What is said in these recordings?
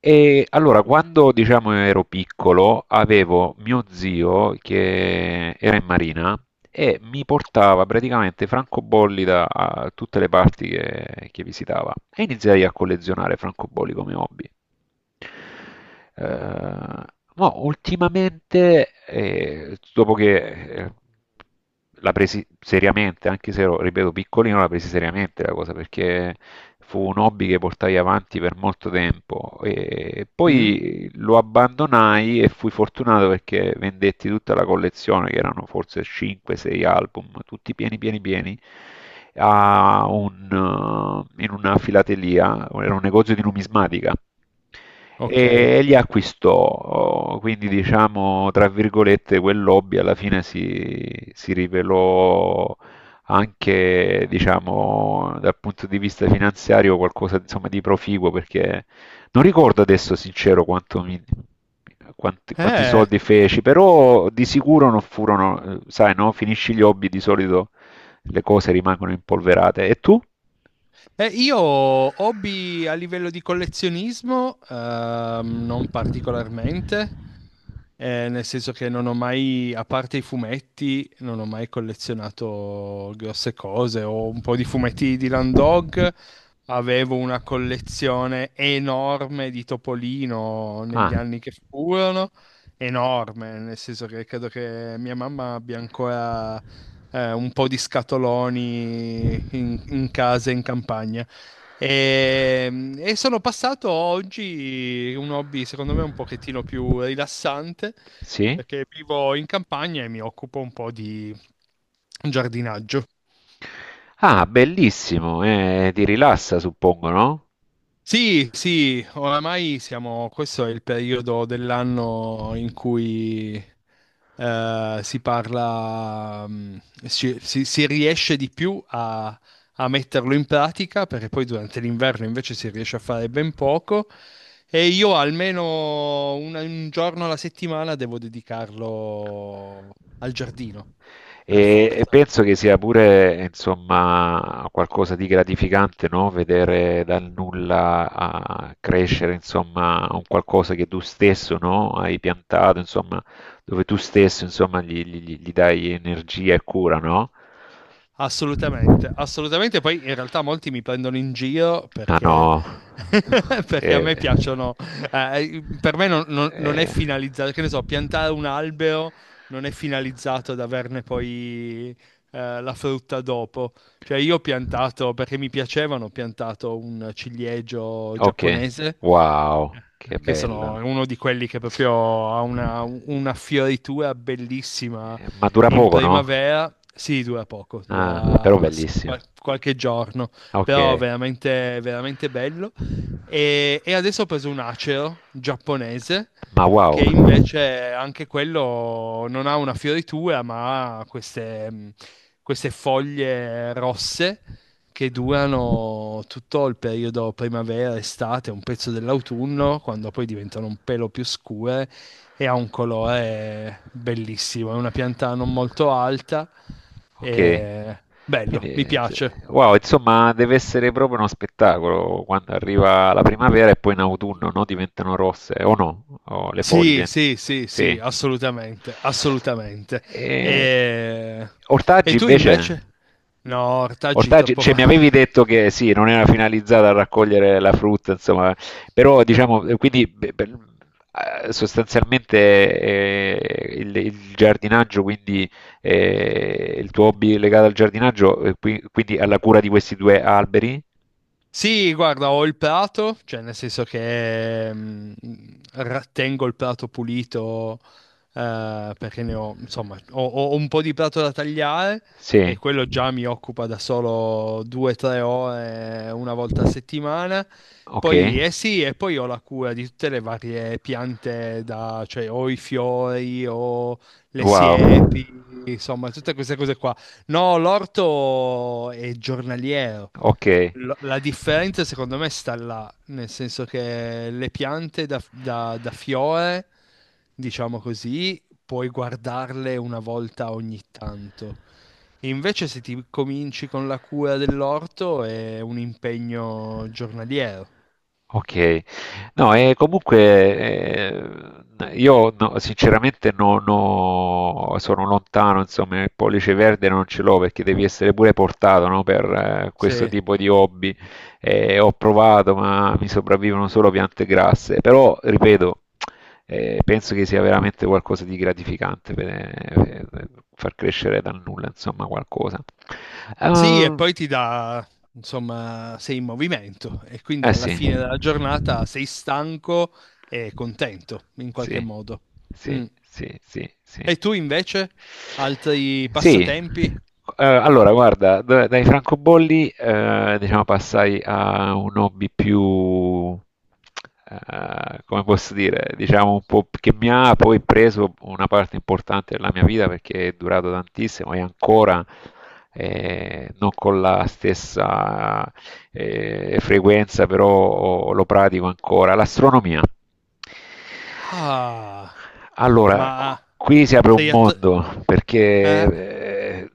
E allora, quando diciamo ero piccolo, avevo mio zio che era in marina e mi portava praticamente francobolli da a tutte le parti che visitava e iniziai a collezionare francobolli come hobby. Eh, no, ultimamente, dopo che la presi seriamente, anche se ero, ripeto, piccolino, la presi seriamente la cosa perché fu un hobby che portai avanti per molto tempo e Mm, poi lo abbandonai e fui fortunato perché vendetti tutta la collezione, che erano forse 5-6 album, tutti pieni, pieni, pieni. A un, in una filatelia, era un negozio di numismatica ok. e li acquistò, oh, quindi diciamo, tra virgolette, quel hobby alla fine si rivelò anche, diciamo, dal punto di vista finanziario qualcosa, insomma, di proficuo, perché non ricordo adesso, sincero, quanti, quanti Eh, soldi feci, però di sicuro non furono, sai, no? Finisci gli hobby, di solito le cose rimangono impolverate. E tu? Io hobby a livello di collezionismo, non particolarmente. Nel senso che non ho mai, a parte i fumetti, non ho mai collezionato grosse cose. Ho un po' di fumetti di Land Dog, avevo una collezione enorme di Topolino negli Ah, anni che furono, enorme, nel senso che credo che mia mamma abbia ancora un po' di scatoloni in casa in campagna. E, e sono passato oggi un hobby, secondo me, un pochettino più rilassante, sì? perché vivo in campagna e mi occupo un po' di giardinaggio. Ah, bellissimo, ti rilassa, suppongo, no? Sì, sì, oramai siamo, questo è il periodo dell'anno in cui si parla, si riesce di più a metterlo in pratica, perché poi durante l'inverno invece si riesce a fare ben poco e io almeno un giorno alla settimana devo dedicarlo al giardino, per E forza. penso che sia pure, insomma, qualcosa di gratificante, no? Vedere dal nulla a crescere, insomma, un qualcosa che tu stesso, no? Hai piantato, insomma, dove tu stesso, insomma, gli dai energia e cura, no? Assolutamente, assolutamente. Poi in realtà molti mi prendono in giro Ma perché, no, perché a me eh, piacciono. Per me non è eh, finalizzato, che ne so, piantare un albero non è finalizzato ad averne poi la frutta dopo. Cioè io ho piantato, perché mi piacevano, ho piantato un ciliegio ok, giapponese, wow, che che sono bello. uno di quelli che proprio ha una fioritura bellissima Ma dura in poco, no? primavera, sì, dura poco, Ah, però dura bellissimo. Qualche giorno, Ok, però veramente, veramente bello. E adesso ho preso un acero giapponese, ma wow. che invece anche quello non ha una fioritura, ma ha queste foglie rosse che durano tutto il periodo primavera, estate, un pezzo dell'autunno, quando poi diventano un pelo più scure e ha un colore bellissimo. È una pianta non molto alta Ok, e quindi bello, mi piace. Wow, insomma deve essere proprio uno spettacolo quando arriva la primavera e poi in autunno, no? Diventano rosse o no? O le Sì, foglie, sì, sì, sì, sì. assolutamente, assolutamente. E... E, e Ortaggi tu invece? invece? No, ortaggi Ortaggi, troppo cioè fa... mi avevi detto che sì, non era finalizzata a raccogliere la frutta, insomma, però diciamo, quindi beh, beh, sostanzialmente il giardinaggio, quindi il tuo hobby legato al giardinaggio, quindi alla cura di questi due alberi? Sì, guarda, ho il prato, cioè nel senso che tengo il prato pulito perché ne ho, insomma, ho un po' di prato da tagliare e Sì, quello già mi occupa da solo 2 o 3 ore una volta a settimana. ok, Poi, eh sì, e poi ho la cura di tutte le varie piante, cioè ho i fiori, ho le wow, siepi, insomma, tutte queste cose qua. No, l'orto è giornaliero. ok. La differenza secondo me sta là, nel senso che le piante da, da fiore, diciamo così, puoi guardarle una volta ogni tanto. Invece se ti cominci con la cura dell'orto è un impegno giornaliero. Ok, no, e comunque io no- sinceramente non ho- sono lontano, insomma, il pollice verde non ce l'ho perché devi essere pure portato, no, per questo Sì. tipo di hobby. Ho provato, ma mi sopravvivono solo piante grasse, però ripeto, penso che sia veramente qualcosa di gratificante per far crescere dal nulla, insomma, qualcosa. Sì, e Ah, poi ti dà, insomma, sei in movimento e quindi eh alla sì. fine della giornata sei stanco e contento in qualche Sì, modo. sì, Mm. sì, sì, sì. E tu invece? Altri Sì, passatempi? Allora guarda, dai francobolli diciamo passai a un hobby più, come posso dire, diciamo un po' che mi ha poi preso una parte importante della mia vita perché è durato tantissimo e ancora non con la stessa frequenza, però lo pratico ancora. L'astronomia. Ah, Allora, ma qui si apre un sei a... mondo eh? perché eh,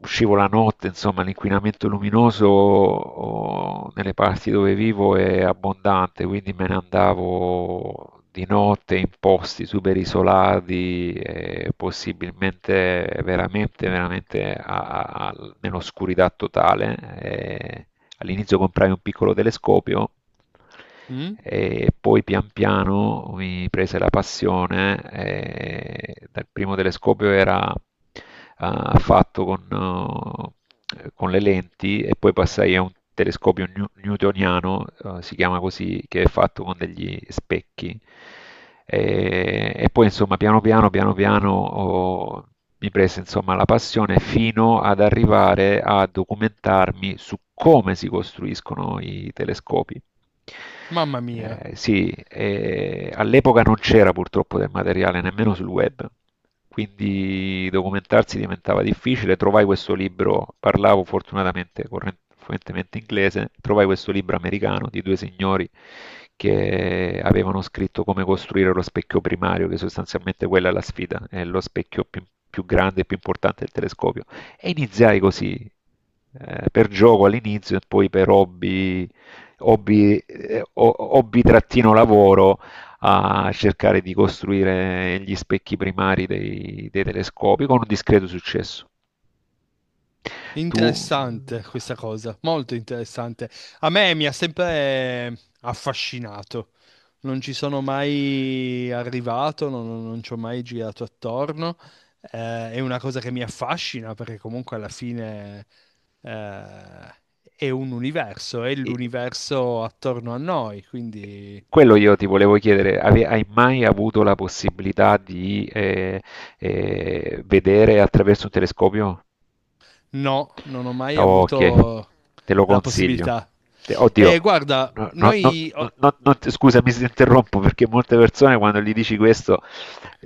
uscivo la notte, insomma, l'inquinamento luminoso oh, nelle parti dove vivo è abbondante, quindi me ne andavo di notte in posti super isolati, possibilmente veramente, veramente nell'oscurità totale. Eh, All'inizio comprai un piccolo telescopio Mm? e poi pian piano mi prese la passione. E dal primo telescopio era ah, con le lenti e poi passai a un telescopio newtoniano, si chiama così, che è fatto con degli specchi e poi insomma piano piano, mi prese insomma la passione fino ad arrivare a documentarmi su come si costruiscono i telescopi. Mamma mia. Sì, e all'epoca non c'era purtroppo del materiale nemmeno sul web, quindi documentarsi diventava difficile. Trovai questo libro, parlavo fortunatamente fluentemente inglese, trovai questo libro americano di due signori che avevano scritto come costruire lo specchio primario, che sostanzialmente quella è la sfida, è lo specchio più, più grande e più importante del telescopio. E iniziai così, per gioco all'inizio e poi per hobby hobby, hobby-lavoro a cercare di costruire gli specchi primari dei telescopi con un discreto successo. Tu, Interessante questa cosa, molto interessante. A me mi ha sempre affascinato. Non ci sono mai arrivato, non ci ho mai girato attorno. È una cosa che mi affascina perché comunque alla fine eh, è un universo, è eh, l'universo attorno a noi. Quindi quello io ti volevo chiedere, hai mai avuto la possibilità di vedere attraverso un telescopio? no, non ho mai Ok, avuto te lo la consiglio. possibilità. Oddio, Guarda, non ti- scusami se ti interrompo perché molte persone quando gli dici questo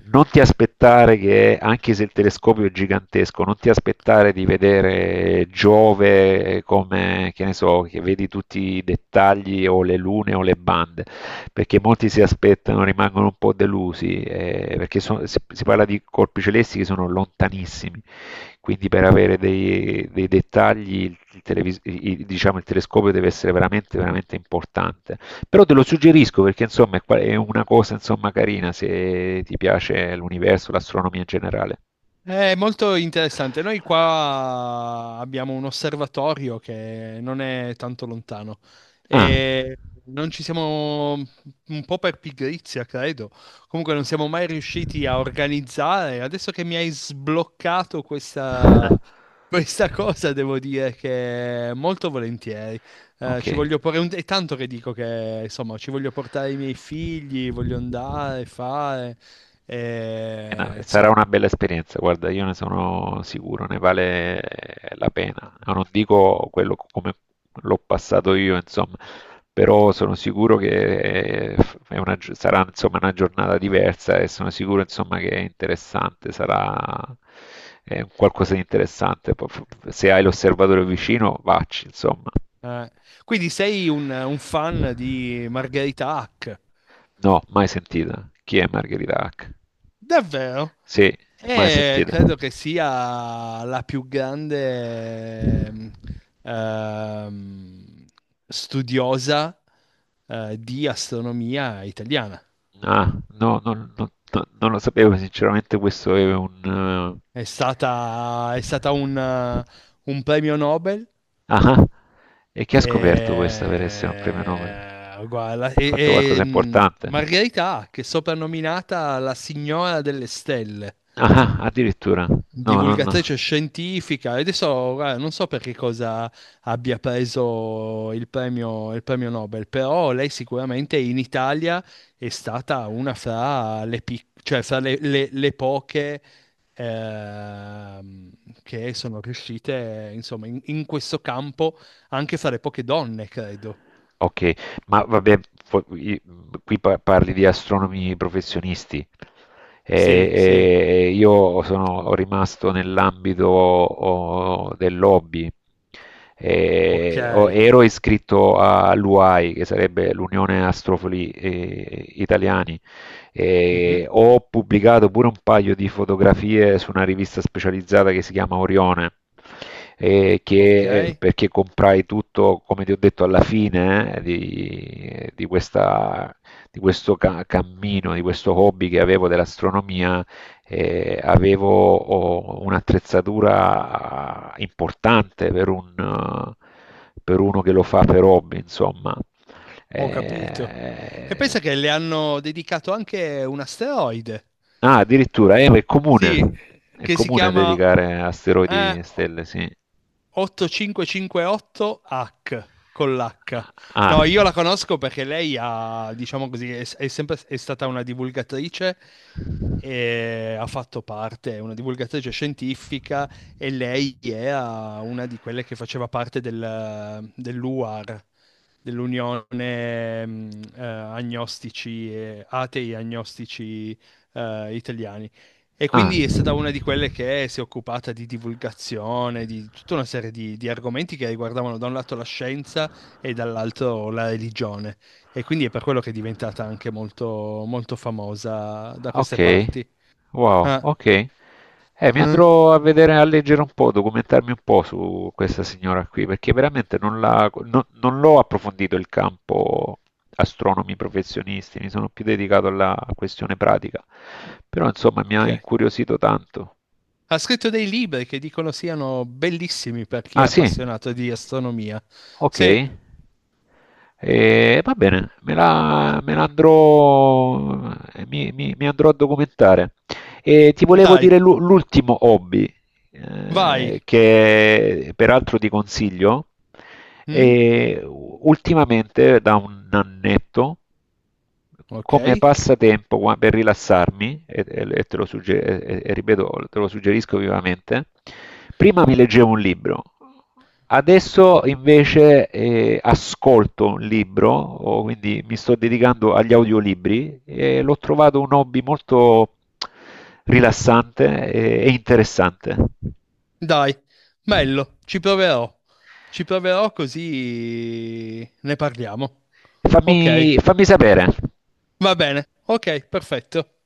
non ti aspettare che, anche se il telescopio è gigantesco, non ti aspettare di vedere Giove come, che ne so, che vedi tutti i dettagli o le lune o le bande perché molti si aspettano, rimangono un po' delusi, perché si parla di colpi celesti che sono lontanissimi, quindi per avere dei dettagli diciamo, il telescopio deve essere veramente, veramente importante. Però te lo suggerisco perché insomma è, è una cosa insomma, carina se ti piace l'universo, l'astronomia in generale. è molto interessante. Noi qua abbiamo un osservatorio che non è tanto lontano Ah, e non ci siamo, un po' per pigrizia, credo. Comunque non siamo mai riusciti a organizzare. Adesso che mi hai sbloccato questa, questa cosa, devo dire che molto volentieri. Ci ok. voglio porre un... È tanto che dico che, insomma, ci voglio portare i miei figli, voglio andare, fare, e, Sarà insomma. una bella esperienza, guarda, io ne sono sicuro, ne vale la pena. Ah, non dico quello come l'ho passato io, insomma, però sono sicuro che sarà insomma, una giornata diversa e sono sicuro insomma, che è interessante, sarà qualcosa di interessante. Poi, se hai l'osservatore vicino, vacci, insomma. Eh, quindi sei un fan di Margherita Hack? No, mai sentita. Chi è Margherita Hack? Davvero? Sì, mai E sentita. credo che sia la più grande ehm, studiosa di astronomia italiana. Ah, non lo sapevo, sinceramente questo è un... eh, È stata un premio Nobel. ah, e chi ha scoperto questa per essere un premio Nobel? Ha e, guarda, fatto e- qualcosa e, mm, importante? Margherita Hack è soprannominata la signora delle stelle Ah, addirittura. No, no, no. divulgatrice scientifica. E adesso guarda, non so per che cosa abbia preso il premio, Nobel, però lei sicuramente in Italia è stata una fra cioè fra le poche ehm, che sono riuscite, insomma, in questo campo, anche fra le poche donne, credo. Ok, ma vabbè, qui parli di astronomi professionisti, Sì, sì, e io sono rimasto nell'ambito oh, del lobby. ok. E, oh, ero iscritto all'UAI, che sarebbe l'Unione Astrofoli Italiani. Mhm, E ho pubblicato pure un paio di fotografie su una rivista specializzata che si chiama Orione. Eh, ok, perché comprai tutto, come ti ho detto, alla fine di questa cammino, di questo hobby che avevo dell'astronomia, avevo oh, un'attrezzatura importante per, un, per uno che lo fa per hobby, insomma. ho capito. E Eh, pensa che le hanno dedicato anche un asteroide. ah, Sì, è che si comune chiama dedicare asteroidi eh, e stelle, sì. 8558H con l'H. Ah, No, io la conosco perché lei ha, diciamo così, è sempre è stata una divulgatrice e ha fatto parte, è una divulgatrice scientifica e lei era una di quelle che faceva parte dell'UAR, dell'Unione Agnostici, Atei Agnostici Italiani. E ah. quindi è stata una di quelle che si è occupata di divulgazione, di tutta una serie di argomenti che riguardavano da un lato la scienza e dall'altro la religione. E quindi è per quello che è diventata anche molto, molto famosa da queste Ok, parti. wow, Ah, ok. Mi eh, andrò a vedere, a leggere un po', documentarmi un po' su questa signora qui, perché veramente non la- non- non l'ho approfondito il campo astronomi professionisti, mi sono più dedicato alla questione pratica. Però insomma mi ha ok. incuriosito tanto. Ha scritto dei libri che dicono siano bellissimi per chi è Ah sì? appassionato di astronomia. Sì, Okay. Va bene, me la andrò mi mi mi andrò a documentare. E ti volevo dai, dire l'ultimo hobby, vai. che peraltro ti consiglio, Mm? e ultimamente da un annetto Ok, come passatempo per rilassarmi, te lo ripeto, te lo suggerisco vivamente, prima mi leggevo un libro, adesso invece ascolto un libro, o quindi mi sto dedicando agli audiolibri e l'ho trovato un hobby molto rilassante e interessante. dai, bello, ci proverò. Ci proverò così ne parliamo. Ok, Fammi sapere. va bene. Ok, perfetto.